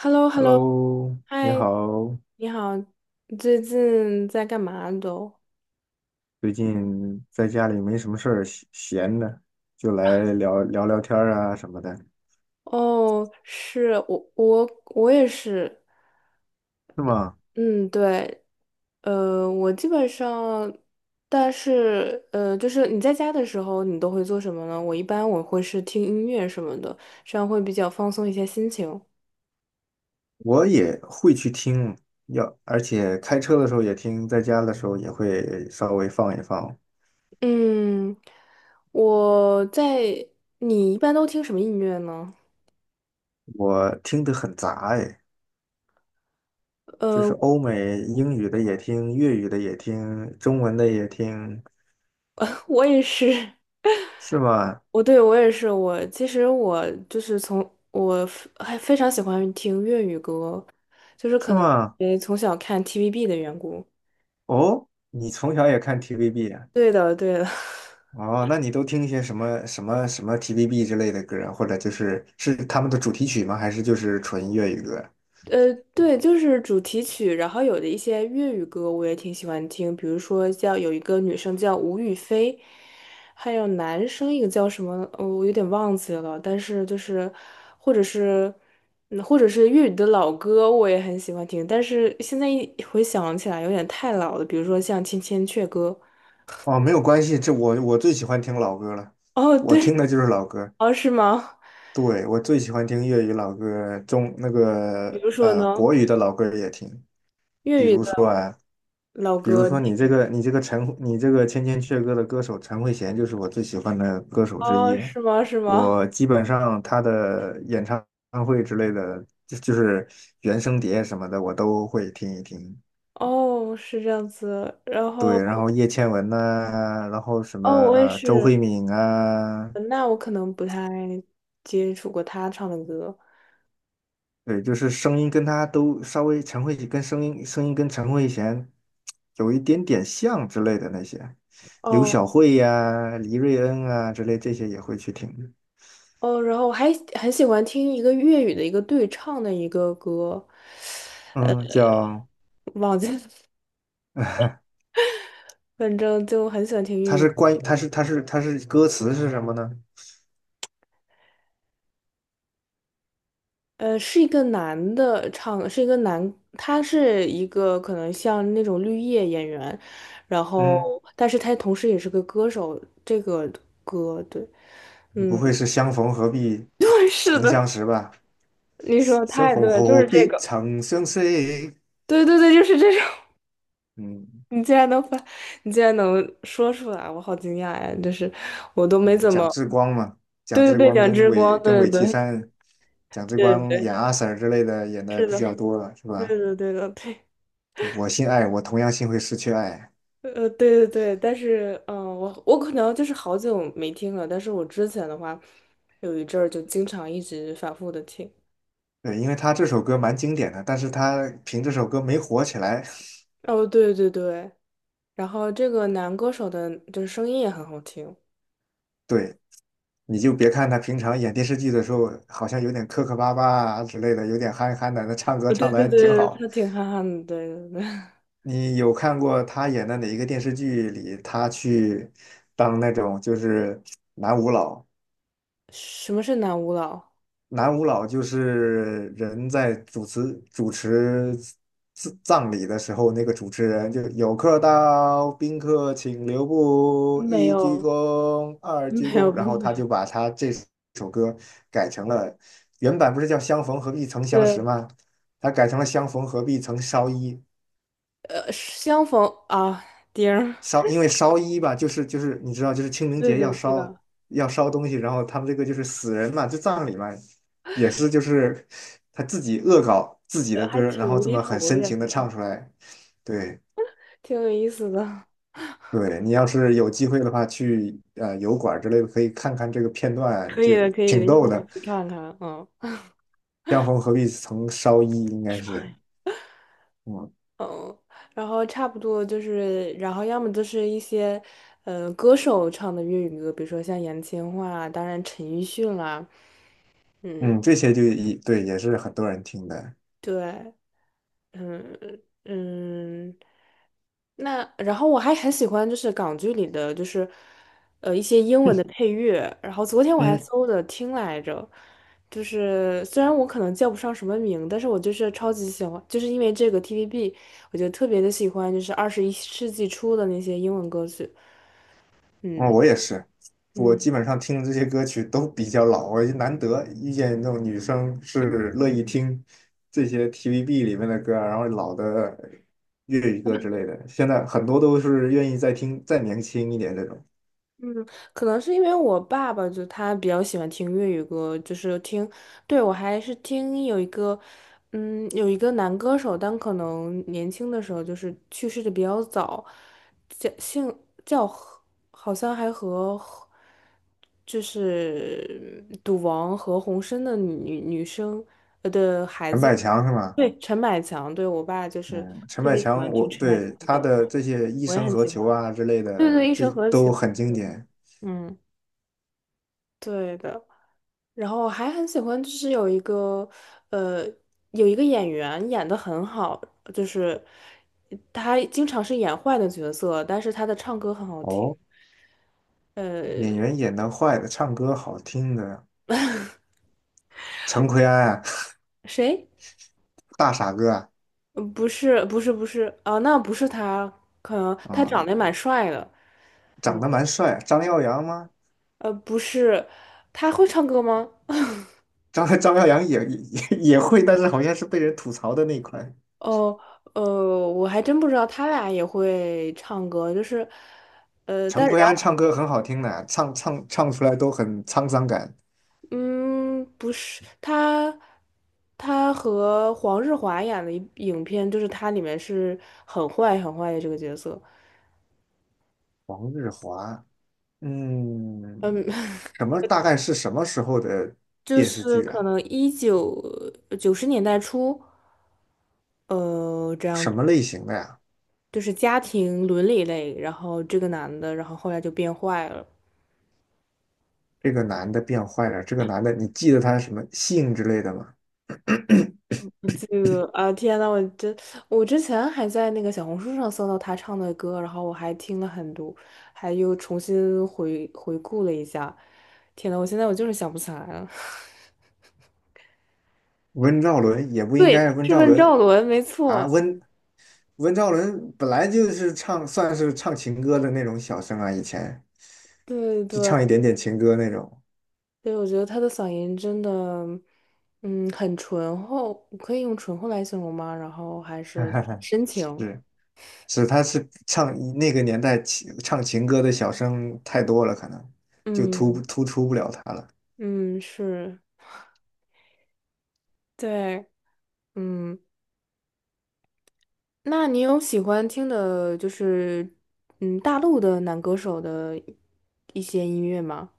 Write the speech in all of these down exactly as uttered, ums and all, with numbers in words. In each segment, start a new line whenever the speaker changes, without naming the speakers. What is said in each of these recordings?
h e l l o h e l l o
Hello，你
嗨，
好，
你好，你最近在干嘛都？
最近在家里没什么事儿，闲闲的就来聊聊聊天儿啊什么的，
哦，是我，我我也是，
是吗？
嗯，对，呃，我基本上，但是呃，就是你在家的时候，你都会做什么呢？我一般我会是听音乐什么的，这样会比较放松一些心情。
我也会去听，要，而且开车的时候也听，在家的时候也会稍微放一放。
嗯，我在，你一般都听什么音乐呢？
我听得很杂哎，就是
呃，
欧美英语的也听，粤语的也听，中文的也听，
我也是。
是吗？
我对我也是，我其实我就是从我非还非常喜欢听粤语歌，就是
是
可能
吗？
因为从小看 T V B 的缘故。
哦，你从小也看 T V B 啊？
对的，对的。
哦，那你都听一些什么什么什么 T V B 之类的歌啊，或者就是是他们的主题曲吗？还是就是纯粤语歌？
呃，对，就是主题曲，然后有的一些粤语歌我也挺喜欢听，比如说叫有一个女生叫吴雨霏，还有男生一个叫什么，呃我有点忘记了，但是就是或者是嗯或者是粤语的老歌我也很喜欢听，但是现在一回想起来有点太老了，比如说像《千千阙歌》，
哦，没有关系，这我我最喜欢听老歌了，
哦，
我听
对，
的就是老歌。
哦，是吗？
对，我最喜欢听粤语老歌，中那
比
个
如说
呃
呢，
国语的老歌也听。
粤语的老
比如
歌你
说
听
你
什
这
么？
个你这个陈你这个千千阙歌的歌手陈慧娴就是我最喜欢的歌手之
哦，
一，
是吗？是吗？
我基本上她的演唱会之类的，就就是原声碟什么的我都会听一听。
哦，是这样子，然后。
对，然后叶倩文呐、然后什么
哦，我也
呃周
是，
慧敏啊，
嗯那我可能不太接触过他唱的歌。
对，就是声音跟她都稍微陈慧跟声音声音跟陈慧娴有一点点像之类的那些，刘
哦
晓慧呀、黎瑞恩啊之类这些也会去听。
哦，然后我还很喜欢听一个粤语的一个对唱的一个歌，
嗯，叫，
忘记了，反正就很喜欢听
它
粤
是
语。
关于，它是它是它是歌词是什么呢？
呃，是一个男的唱，是一个男，他是一个可能像那种绿叶演员，然
嗯，
后但是他同时也是个歌手，这个歌对，
不
嗯，
会是相逢何必
对，是
曾
的，
相识吧？
你说得
相
太
逢
对了，就是
何
这
必
个，
曾相识？
对对对，就是这种。
嗯
你竟然能发，你竟然能说出来，我好惊讶呀！就是我都没
嗯，
怎
蒋
么，
志光嘛，蒋
对对
志
对，
光
两
跟
只
韦
光，
跟
对
韦绮
对
珊，蒋
对
志
对
光演
对，
阿 Sir 之类的演的
是
比
的，
较多了，是
对
吧？
的对的对，
对我心爱，我同样心会失去爱。
呃对对对，但是嗯、呃我我可能就是好久没听了，但是我之前的话有一阵儿就经常一直反复的听。
对，因为他这首歌蛮经典的，但是他凭这首歌没火起来。
哦，对对对，然后这个男歌手的就是声音也很好听。
对，你就别看他平常演电视剧的时候，好像有点磕磕巴巴啊之类的，有点憨憨的，那唱歌
呃对
唱的
对
还挺
对，他
好。
挺憨憨的，对对对。
你有看过他演的哪一个电视剧里，他去当那种就是男舞佬，
什么是男舞蹈？
南无老就是人在主持主持葬葬礼的时候，那个主持人就有客到，宾客请留步，
没
一鞠
有，
躬，二鞠
没
躬，
有，不
然后
没
他
有。
就把他这首歌改成了，原版不是叫相逢何必曾 相识
对
吗？他改成了相逢何必曾烧衣。
呃，相逢啊，丁儿，
烧，因为烧衣吧，就是就是你知道，就是清 明
对
节要
对，知
烧
道，
要烧东西，然后他们这个就是死人嘛，就葬礼嘛，也是就是他自己恶搞自己
呃
的歌
还
儿
挺
然后
无
这
厘
么很
头的
深
感
情的
觉。
唱出来。对
挺有意思的。
对，你要是有机会的话，去呃油管儿之类的可以看看这个片段，
可以
就
的，可以
挺
的，一会
逗
儿我
的。
去看看。嗯
江枫何必曾烧衣，应该是嗯
嗯，然后差不多就是，然后要么就是一些，呃，歌手唱的粤语歌，比如说像杨千嬅啊，当然陈奕迅啦，嗯，
嗯，这些就一对也是很多人听的。
对。嗯嗯，那然后我还很喜欢就是港剧里的就是呃一些英文的配乐，然后昨天我还
嗯。
搜的听来着，就是虽然我可能叫不上什么名，但是我就是超级喜欢，就是因为这个 T V B，我就特别的喜欢就是二十一世纪初的那些英文歌曲，
嗯，
嗯
我也是，我
嗯。
基本上听的这些歌曲都比较老，我就难得遇见那种女生是乐意听这些 T V B 里面的歌啊然后老的粤语歌之类的。现在很多都是愿意再听再年轻一点这种。
嗯，可能是因为我爸爸就他比较喜欢听粤语歌，就是听，对，我还是听有一个，嗯，有一个男歌手，但可能年轻的时候就是去世的比较早，叫姓叫何好像还和就是嗯赌王何鸿燊的女女生呃的孩
陈
子，
百强是吗？
对，陈百强，对我爸就是
嗯，陈
特
百
别喜
强
欢听
我，
陈百强
对
的
他
歌，然
的
后
这些《一
我也
生
很
何
喜欢，
求》啊之类
对
的，
对，一
这
生何其
都
何
很经典。
嗯。对的，然后还很喜欢，就是有一个，呃，有一个演员演的很好，就是他经常是演坏的角色，但是他的唱歌很好听。
哦，
呃，
演员演的坏的，唱歌好听的，陈奎安啊，
谁？
大傻哥啊，
呃不是，不是，不是啊，那不是他，可能他
啊、
长得也蛮帅的。
长得蛮帅啊，张耀扬吗？
呃，不是，他会唱歌吗？
张 张耀扬也也也会，但是好像是被人吐槽的那一块。
哦，呃，我还真不知道他俩也会唱歌，就是，呃，但。
陈奎安
然
唱歌很好听的，唱唱唱出来都很沧桑感。
嗯，不是，他他和黄日华演的一影片，就是他里面是很坏很坏的这个角色，
黄日华，嗯，
嗯，
什么大概是什么时候的
就
电视
是
剧
可
啊？
能一九九十年代初，呃，这
什
样
么类型的呀？
就是家庭伦理类，然后这个男的，然后后来就变坏了。
这个男的变坏了，这个男的你记得他什么姓之类的吗？
这个啊，天呐，我真，我之前还在那个小红书上搜到他唱的歌，然后我还听了很多，还又重新回回顾了一下。天呐，我现在我就是想不起来了。
温兆伦也不应
对，
该，温
是
兆
问
伦
赵伦，没
啊，
错。
温温兆伦本来就是唱算是唱情歌的那种小生啊，以前。
对
就
对
唱一点点情歌那种。
对，我觉得他的嗓音真的，嗯，很醇厚，可以用醇厚来形容吗？然后还是 深情，
是是，他是唱那个年代情唱情歌的小生太多了，可能就突
嗯
突出不了他了。
嗯，是，对，嗯。那你有喜欢听的，就是嗯，大陆的男歌手的一些音乐吗？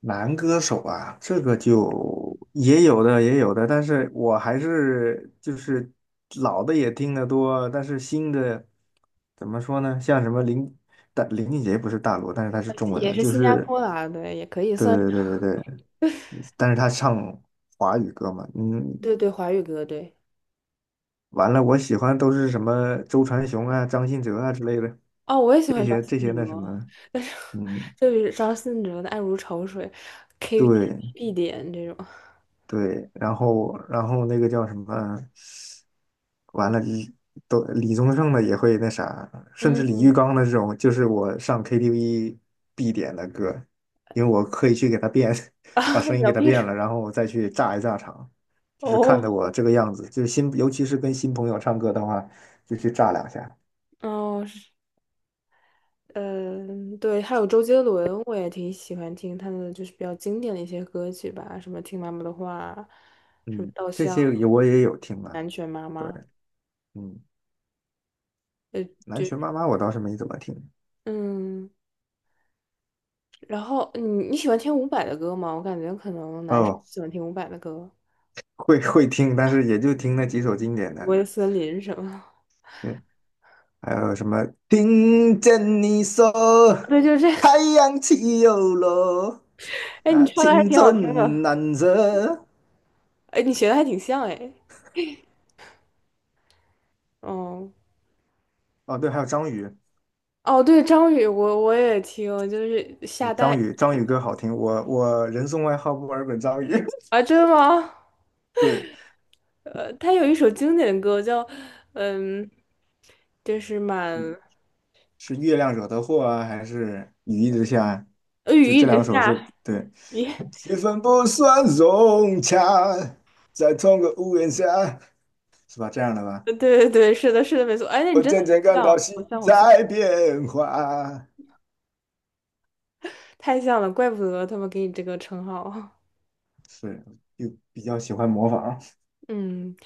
男歌手啊，这个就也有的也有的，但是我还是就是老的也听得多，但是新的怎么说呢？像什么林大林俊杰不是大陆，但是他是 中文
也
的，
是
就
新加
是
坡的啊，对，也可以
对
算是
对对对对，但是他唱华语歌嘛，嗯，
对对，华语歌，对。
完了，我喜欢都是什么周传雄啊、张信哲啊之类的，
哦，我也喜
这
欢张
些这
信
些那什
哲，
么，
但是
嗯，
就是张信哲的《爱如潮水》
对
，K T V 必点这种。
对，然后然后那个叫什么，完了，李都李宗盛的也会那啥，甚至李玉
嗯，
刚的这种，就是我上 K T V 必点的歌，因为我可以去给他变，把声 音
聊
给他
必
变
说
了，然后我再去炸一炸场，就是看的
哦
我这个样子，就是新，尤其是跟新朋友唱歌的话，就去炸两下。
哦是，嗯，对，还有周杰伦，我也挺喜欢听他的，就是比较经典的一些歌曲吧，什么《听妈妈的话》，什么
嗯，
《稻
这
香》。
些也我也有听啊，
南拳妈
对，
妈，
嗯，
呃，
南
就
拳妈妈我倒是没怎么听，
嗯，然后你你喜欢听伍佰的歌吗？我感觉可能男生
哦，
喜欢听伍佰的歌，
会会听，但是也就听那几首经典
《我
的，
的森林》什么，
对，还有什么听见你说
对，就是这，
太 阳起又落，
哎，你
啊，
唱的还
青
挺好听的，
春难舍，
哎，你学的还挺像，哎，哦，
哦，对，还有张宇，
哦，对，张宇，我我也听，就是
对
夏
张
代
宇张宇歌好听，我我人送外号墨尔本张宇，
啊，真的吗？
对，
呃，他有一首经典的歌叫，嗯，就是满
是月亮惹的祸啊，还是雨一直下，啊？
呃雨
就
一
这
直
两首是
下，
对。
咦，
气氛不算融洽，在同个屋檐下，是吧？这样的 吧？
对对对，是的，是的，没错，哎，那你
我
真的
渐渐
很
感到
像，
心
好像好像。
在变化，
太像了，怪不得他们给你这个称号。
是，就比较喜欢模仿。
嗯，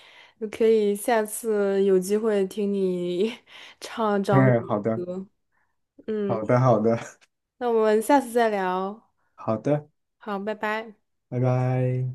就可以下次有机会听你 唱 张宇
嗯，好
的
的，
歌。
好
嗯，
的，好的，
那我们下次再聊。
好的，
好，拜拜。
拜拜。